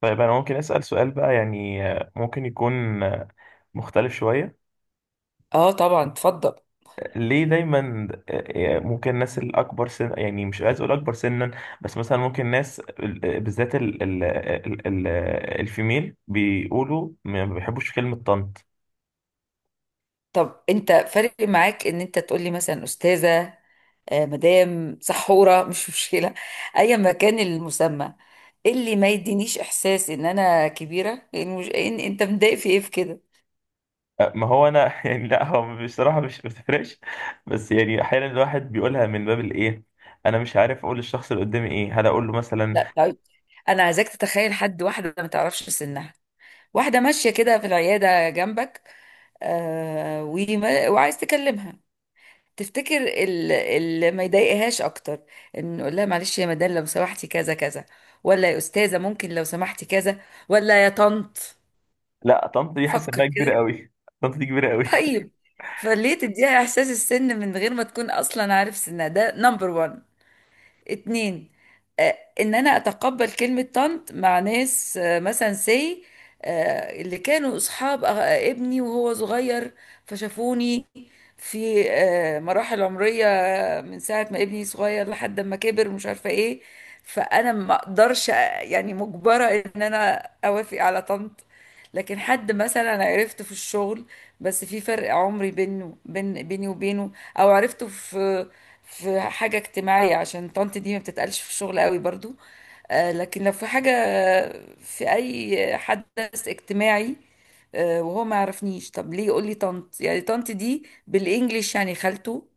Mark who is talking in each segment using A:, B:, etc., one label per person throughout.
A: طيب، أنا ممكن أسأل سؤال بقى يعني؟ ممكن يكون مختلف شوية.
B: اه، طبعا اتفضل.
A: ليه دايما ممكن الناس الأكبر سن، يعني مش عايز أقول أكبر سنا، بس مثلا ممكن ناس بالذات الفيميل بيقولوا ما بيحبوش كلمة طنط؟
B: طب انت فارق معاك ان انت تقولي مثلا استاذه، مدام سحوره، مش مشكله، ايا ما كان المسمى. إيه اللي ما يدينيش احساس ان انا كبيره، لان مش... إن انت متضايق في ايه، في كده؟
A: ما هو أنا يعني لا، هو بصراحة مش ما بتفرقش، بس يعني أحيانا الواحد بيقولها من باب الإيه. أنا مش عارف أقول للشخص اللي قدامي إيه، هل أقول له مثلا:
B: لا، طيب، انا عايزاك تتخيل حد، واحده ما تعرفش سنها، واحده ماشيه كده في العياده جنبك، وعايز تكلمها. تفتكر اللي ما يضايقهاش اكتر ان نقول لها: معلش يا مدام لو سمحتي كذا كذا، ولا يا استاذه ممكن لو سمحتي كذا، ولا يا طنط؟
A: لا، طنط دي حاسس إنها
B: فكر كده.
A: كبيرة أوي، طنط دي كبيرة أوي.
B: طيب. فليه تديها احساس السن من غير ما تكون اصلا عارف سنها؟ ده نمبر 1، اتنين: ان انا اتقبل كلمة طنط مع ناس، مثلا سي اللي كانوا اصحاب ابني وهو صغير، فشافوني في مراحل عمرية، من ساعة ما ابني صغير لحد ما كبر ومش عارفة ايه. فانا ما اقدرش، يعني مجبرة ان انا اوافق على طنط. لكن حد مثلا أنا عرفته في الشغل، بس في فرق عمري بينه بين بيني وبينه، او عرفته في حاجة اجتماعية، عشان طنط دي ما بتتقالش في الشغل قوي برضو. لكن لو في حاجة، في أي حدث اجتماعي، وهو ما يعرفنيش، طب ليه يقول لي طنط؟ يعني طنط دي بالإنجليش يعني خالته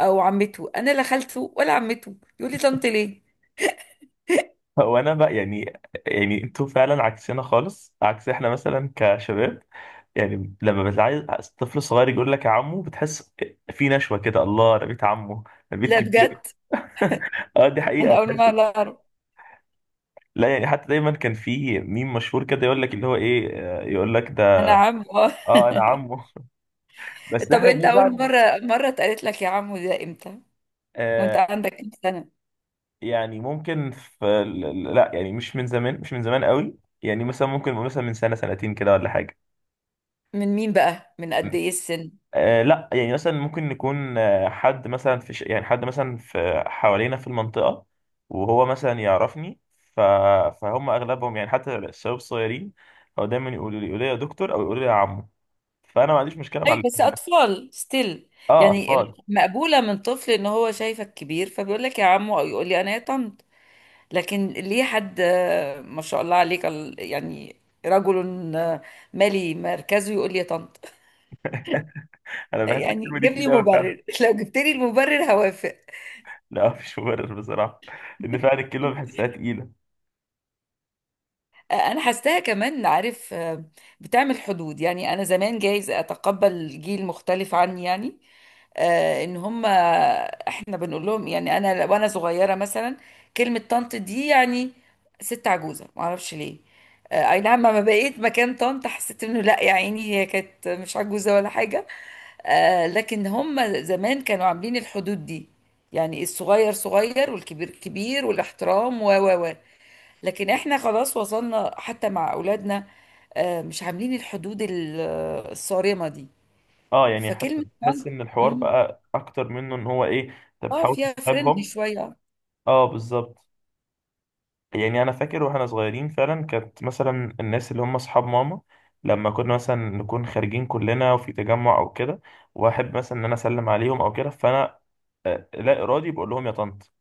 B: أو عمته، أنا لا خالته ولا عمته، يقول لي طنط ليه؟
A: هو انا بقى يعني، يعني انتوا فعلا عكسنا خالص عكس. احنا مثلا كشباب يعني لما بتعايز طفل صغير يقول لك يا عمو، بتحس في نشوة كده، الله، انا بيت عمه، انا بيت
B: لا بجد،
A: كبير. اه، دي
B: أنا
A: حقيقة.
B: أول مرة، لا أعرف.
A: لا يعني، حتى دايما كان في ميم مشهور كده يقول لك اللي هو ايه، يقول لك
B: أنا
A: ده.
B: عم.
A: اه، انا عمه بس
B: طب
A: احنا
B: أنت أول
A: بنزعل.
B: مرة اتقالت لك يا عمو ده إمتى؟
A: آه،
B: وأنت عندك كام سنة؟
A: يعني ممكن في لا، يعني مش من زمان، مش من زمان قوي. يعني مثلا ممكن نقول مثلا من سنة سنتين كده ولا حاجة.
B: من مين بقى؟ من قد إيه السن؟
A: آه لا، يعني مثلا ممكن نكون، حد مثلا في يعني حد مثلا في حوالينا في المنطقة وهو مثلا يعرفني. ف... فهم أغلبهم يعني حتى الشباب الصغيرين هو دايما يقولوا لي يا دكتور، أو يقولوا لي يا عمو. فأنا ما عنديش مشكلة مع
B: ايوه، بس
A: الاتنين.
B: اطفال ستيل.
A: اه،
B: يعني
A: أطفال.
B: مقبوله من طفل ان هو شايفك كبير فبيقول لك يا عمو، او يقول لي انا يا طنط. لكن ليه حد، ما شاء الله عليك، يعني رجل مالي مركزه يقول لي يا طنط؟
A: أنا بحس
B: يعني
A: الكلمة دي
B: جيب لي
A: تقيلة أوي فعلا.
B: مبرر. لو جبت لي المبرر هوافق.
A: لا، مفيش مبرر بصراحة، إن فعلا الكلمة بحسها تقيلة.
B: انا حاساها كمان، عارف، بتعمل حدود. يعني انا زمان جايز اتقبل جيل مختلف عني، يعني ان هم احنا بنقول لهم، يعني انا وانا صغيره مثلا، كلمه طنط دي يعني ست عجوزه، ما اعرفش ليه. اي نعم، لما بقيت مكان طنط حسيت انه لا يا عيني، هي كانت مش عجوزه ولا حاجه. لكن هم زمان كانوا عاملين الحدود دي، يعني الصغير صغير والكبير كبير والاحترام و و و لكن احنا خلاص وصلنا، حتى مع اولادنا مش عاملين الحدود الصارمة دي.
A: اه، يعني حتى
B: فكلمة
A: بحس إن الحوار
B: مم،
A: بقى أكتر، منه إن هو إيه، أنت
B: اه
A: بتحاول
B: فيها فريندلي
A: تسحبهم.
B: شوية.
A: اه، بالظبط. يعني انا فاكر واحنا صغيرين فعلا، كانت مثلا الناس اللي هم اصحاب ماما، لما كنا مثلا نكون خارجين كلنا وفي تجمع او كده، واحب مثلا ان انا اسلم عليهم او كده، فانا لا ارادي بقول لهم يا طنط.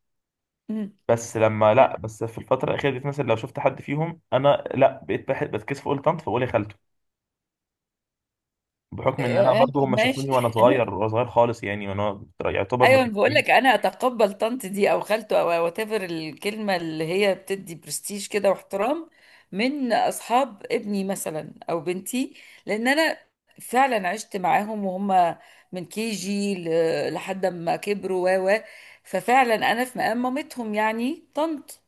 B: مم.
A: بس لما لا، بس في الفتره الاخيره دي مثلا لو شفت حد فيهم انا، لا بقيت بحب، بتكسف اقول طنط، فبقول يا خالته.
B: آه،
A: بحكم ان انا
B: آه،
A: برضو هم
B: ماشي.
A: شافوني وانا صغير، وانا صغير خالص يعني، وانا يعتبر
B: ايوه، بقول
A: متربيين.
B: لك انا اتقبل طنط دي او خالته او وات ايفر، الكلمه اللي هي بتدي برستيج كده واحترام، من اصحاب ابني مثلا او بنتي، لان انا فعلا عشت معاهم وهم من كي جي لحد ما كبروا و و ففعلا انا في مقام مامتهم، يعني طنط.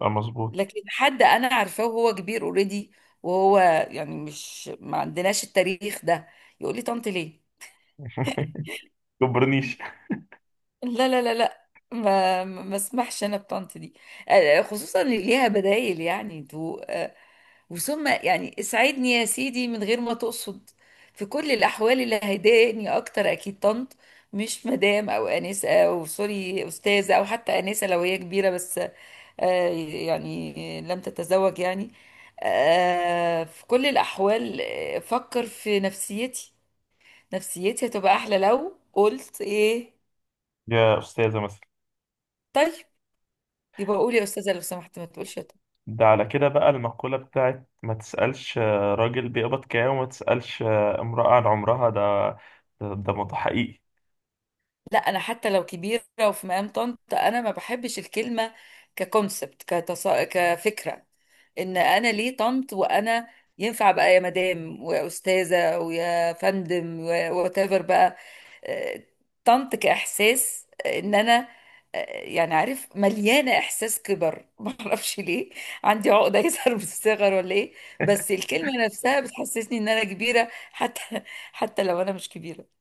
A: آه، مظبوط.
B: لكن حد انا عارفاه وهو كبير اوريدي، وهو يعني مش، ما عندناش التاريخ ده، يقول لي طنط ليه؟
A: كبرنيش.
B: لا، لا، لا، لا، ما اسمحش انا بطنط دي. خصوصا اللي ليها بدايل يعني، تو وثم يعني اسعدني يا سيدي من غير ما تقصد. في كل الاحوال، اللي هيضايقني اكتر اكيد طنط، مش مدام او انسه او سوري استاذه، او حتى انسه لو هي كبيره بس، آه، يعني لم تتزوج يعني. في كل الاحوال، فكر في نفسيتي. نفسيتي هتبقى احلى لو قلت ايه؟
A: يا استاذه مثلا.
B: طيب، يبقى قولي يا استاذه لو سمحت، ما تقولش يا طنط.
A: ده على كده بقى المقولة بتاعت ما تسألش راجل بيقبض كام، وما تسألش امرأة عن عمرها، ده ده حقيقي.
B: لا، انا حتى لو كبيره وفي مقام طنط، انا ما بحبش الكلمه ككونسبت، كفكره. ان انا ليه طنط وانا ينفع بقى يا مدام ويا استاذه ويا فندم، وات ايفر بقى. آه، طنط كاحساس، ان انا آه، يعني عارف، مليانه احساس كبر. ما اعرفش ليه، عندي عقده يظهر من الصغر ولا ايه؟ بس الكلمه نفسها بتحسسني ان انا كبيره، حتى حتى لو انا مش كبيره.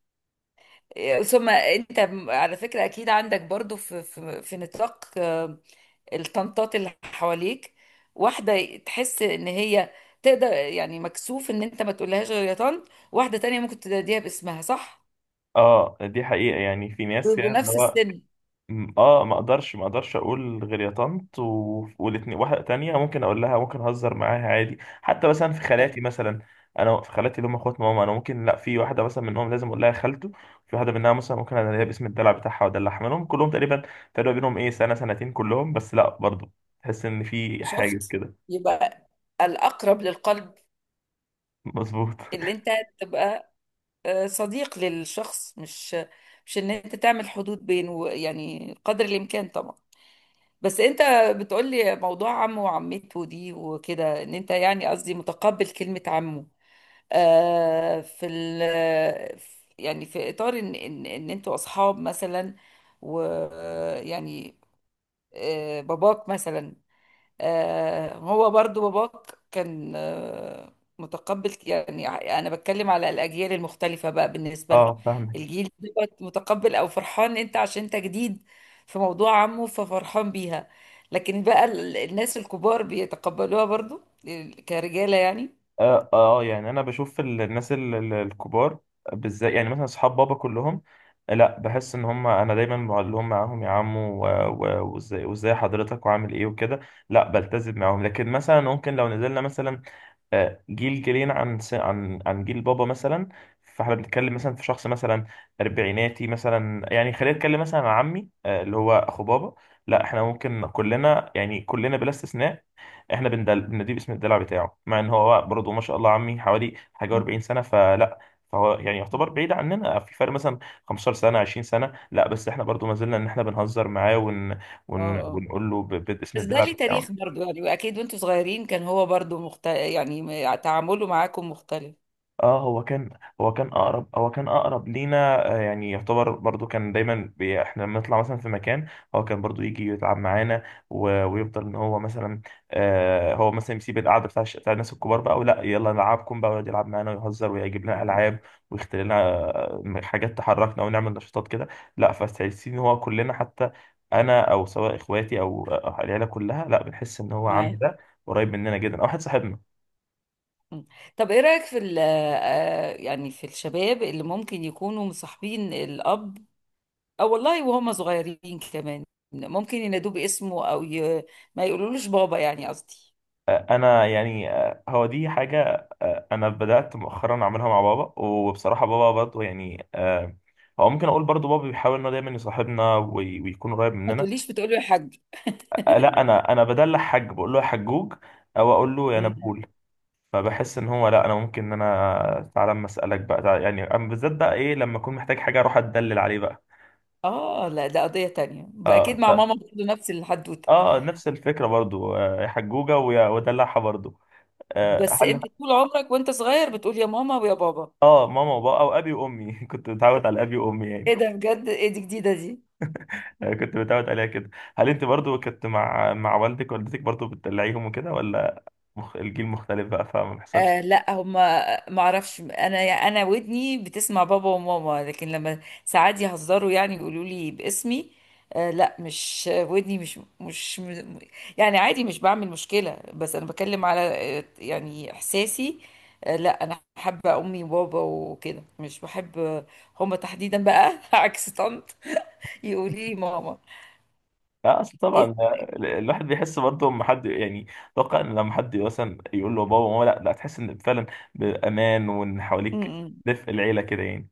B: ثم انت، على فكرة، اكيد عندك برضو في نطاق الطنطات اللي حواليك، واحدة تحس ان هي تقدر، يعني مكسوف ان انت ما تقولهاش غير يا طنط، واحدة تانية ممكن تناديها باسمها، صح؟
A: اه، دي حقيقة. يعني في ناس
B: ويبقوا
A: يعني اللي
B: نفس
A: هو
B: السن.
A: اه، ما اقدرش اقول غير يا طنط، والاتنين. واحده تانية ممكن اقول لها، ممكن اهزر معاها عادي، حتى مثلا في
B: آه،
A: خالاتي مثلا. انا في خالاتي اللي هم اخوات ماما، انا ممكن لا، في واحده مثلا منهم لازم اقول لها خالته، في واحده منها مثلا ممكن انا ليا باسم الدلع بتاعها وادلعها، منهم كلهم تقريبا. فرق بينهم ايه؟ سنه سنتين كلهم، بس لا برضه تحس ان في حاجه
B: شفت؟
A: كده.
B: يبقى الاقرب للقلب
A: مظبوط
B: اللي انت تبقى صديق للشخص، مش ان انت تعمل حدود بينه، يعني قدر الامكان طبعا. بس انت بتقولي موضوع عمه وعمته دي وكده، ان انت يعني قصدي متقبل كلمة عمه، آه في ال يعني في اطار ان ان انتوا اصحاب مثلا، ويعني باباك مثلا، هو برضو باباك كان متقبل يعني. انا بتكلم على الاجيال المختلفه بقى، بالنسبه لكم
A: اه، فاهمك.
B: الجيل دوت متقبل او فرحان انت عشان انت جديد في موضوع عمه، ففرحان بيها. لكن بقى الناس الكبار بيتقبلوها برضو، كرجاله يعني؟
A: اه اه، يعني انا بشوف الناس الكبار بالذات، يعني مثلا اصحاب بابا كلهم، لا بحس ان هم، انا دايما بقول لهم معاهم يا عم، وازاي، وازاي حضرتك وعامل ايه وكده. لا بلتزم معاهم. لكن مثلا ممكن لو نزلنا مثلا جيل جيلين عن عن جيل بابا مثلا، فاحنا بنتكلم مثلا في شخص مثلا اربعيناتي مثلا، يعني خلينا نتكلم مثلا عن عمي اللي هو اخو بابا، لا احنا ممكن كلنا يعني كلنا بلا استثناء احنا بنديه باسم الدلع بتاعه، مع ان هو برضه ما شاء الله عمي حوالي حاجه و40
B: مم.
A: سنه، فلا، فهو يعني يعتبر بعيد عننا في فرق مثلا 15 سنه 20 سنه. لا، بس احنا برضه ما زلنا ان احنا بنهزر معاه،
B: اه، اه،
A: ونقول له باسم
B: بس ده
A: الدلع
B: ليه
A: بتاعه.
B: تاريخ برضو، يعني واكيد وانتوا صغيرين كان هو برضو تعامله معاكم مختلف.
A: اه، هو كان اقرب لينا. يعني يعتبر برضو كان دايما بي، احنا لما نطلع مثلا في مكان هو كان برضو يجي يتعب معانا، ويفضل ان هو مثلا هو مثلا يسيب القعده بتاع بتاع الناس الكبار بقى، ولا يلا نلعبكم بقى، ويقعد يلعب معانا ويهزر ويجيب لنا
B: مم.
A: العاب، ويختار لنا حاجات تحركنا، ونعمل نشاطات كده. لا، فاستحسين ان هو كلنا، حتى انا، او سواء اخواتي، او العيله كلها، لا بنحس ان هو عمي
B: معاك.
A: ده قريب مننا جدا، او واحد صاحبنا.
B: مم. طب، ايه رأيك في ال- آه، يعني في الشباب اللي ممكن يكونوا مصاحبين الأب، او والله وهم صغيرين كمان، ممكن ينادوه باسمه، ما يقولولوش بابا يعني، قصدي
A: انا يعني هو دي حاجه انا بدات مؤخرا اعملها مع بابا. وبصراحه بابا برضه يعني هو ممكن اقول برضه بابا بيحاول انه دايما يصاحبنا، ويكون قريب
B: ما
A: مننا.
B: تقوليش؟ بتقولي يا حاج؟
A: لا، انا بدلع حاج، بقول له يا حجوج، او اقول له يا
B: مم.
A: نبول. فبحس ان هو، لا، انا ممكن ان انا تعالى اما اسالك بقى، تعالى يعني، أما بالذات بقى ايه لما اكون محتاج حاجه، اروح اتدلل عليه بقى.
B: اه، لا، ده قضية تانية بقى، اكيد
A: اه
B: مع
A: ط-
B: ماما برضه نفس الحدوتة.
A: اه، نفس الفكره برضو. يا حجوجه ويا، ودلعها برضو. آه،
B: بس
A: هل
B: انت طول عمرك وانت صغير بتقول يا ماما ويا بابا؟
A: اه، ماما وبابا، او ابي وامي كنت متعود على ابي وامي يعني.
B: ايه ده؟ بجد؟ ايه دي جديدة دي!
A: كنت متعود عليها كده. هل انت برضو كنت مع والدك والدتك برضو بتدلعيهم وكده، ولا الجيل مختلف بقى فما بيحصلش؟
B: لا، هما، ما اعرفش انا. انا ودني بتسمع بابا وماما، لكن لما ساعات يهزروا يعني يقولوا لي باسمي. لا، مش ودني، مش مش م- يعني عادي، مش بعمل مشكلة، بس انا بكلم على يعني احساسي. لا، انا حابة امي وبابا وكده، مش بحب هما تحديدا بقى. عكس طنط، يقولي لي ماما.
A: لا، اصل طبعا
B: إيه-
A: الواحد بيحس برضو لما حد، يعني اتوقع ان لما حد مثلا يقول له بابا وماما، لا لا، تحس ان فعلا بامان، وان
B: م-
A: حواليك
B: م.
A: دفء العيله كده يعني،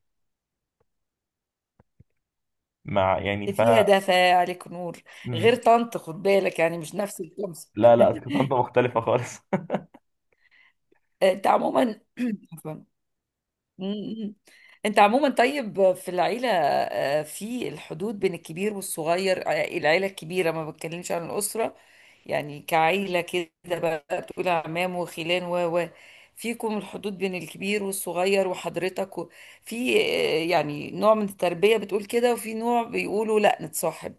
A: مع يعني
B: إيه فيها؟ دافع عليك نور. غير
A: مم.
B: طنط خد بالك، يعني مش نفس الكلمة.
A: لا لا، كانت انت مختلفه خالص.
B: انت عموما، مم. انت عموما طيب، في العيلة، في الحدود بين الكبير والصغير، العيلة الكبيرة، ما بتكلمش عن الأسرة، يعني كعيلة كده بقى، بتقول عمام وخلان و فيكم الحدود بين الكبير والصغير وحضرتك في يعني نوع من التربية بتقول كده، وفي نوع بيقولوا لا نتصاحب.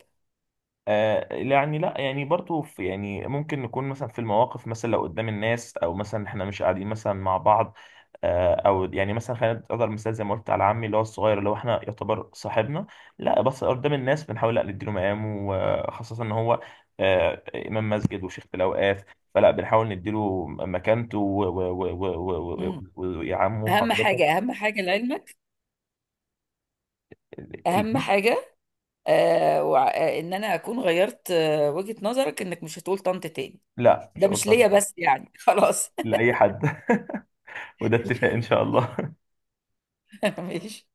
A: آه يعني، لا يعني برضو في، يعني ممكن نكون مثلا في المواقف مثلا لو قدام الناس، او مثلا احنا مش قاعدين مثلا مع بعض، او يعني مثلا خلينا نقدر مثال زي ما قلت على عمي اللي هو الصغير، اللي هو احنا يعتبر صاحبنا، لا بس قدام الناس بنحاول لا نديله مقامه، وخاصة ان هو آه، امام مسجد وشيخ الاوقاف، فلا بنحاول نديله مكانته
B: مم.
A: ويا عمو
B: أهم
A: حضرتك.
B: حاجة، أهم حاجة لعلمك،
A: ال-
B: أهم
A: ال-
B: حاجة إن أنا أكون غيرت وجهة نظرك، إنك مش هتقول طنط تاني.
A: لا، مش
B: ده
A: هقول
B: مش ليا
A: حضرتك،
B: بس يعني، خلاص.
A: لاي حد. وده اتفاق ان شاء الله.
B: ماشي.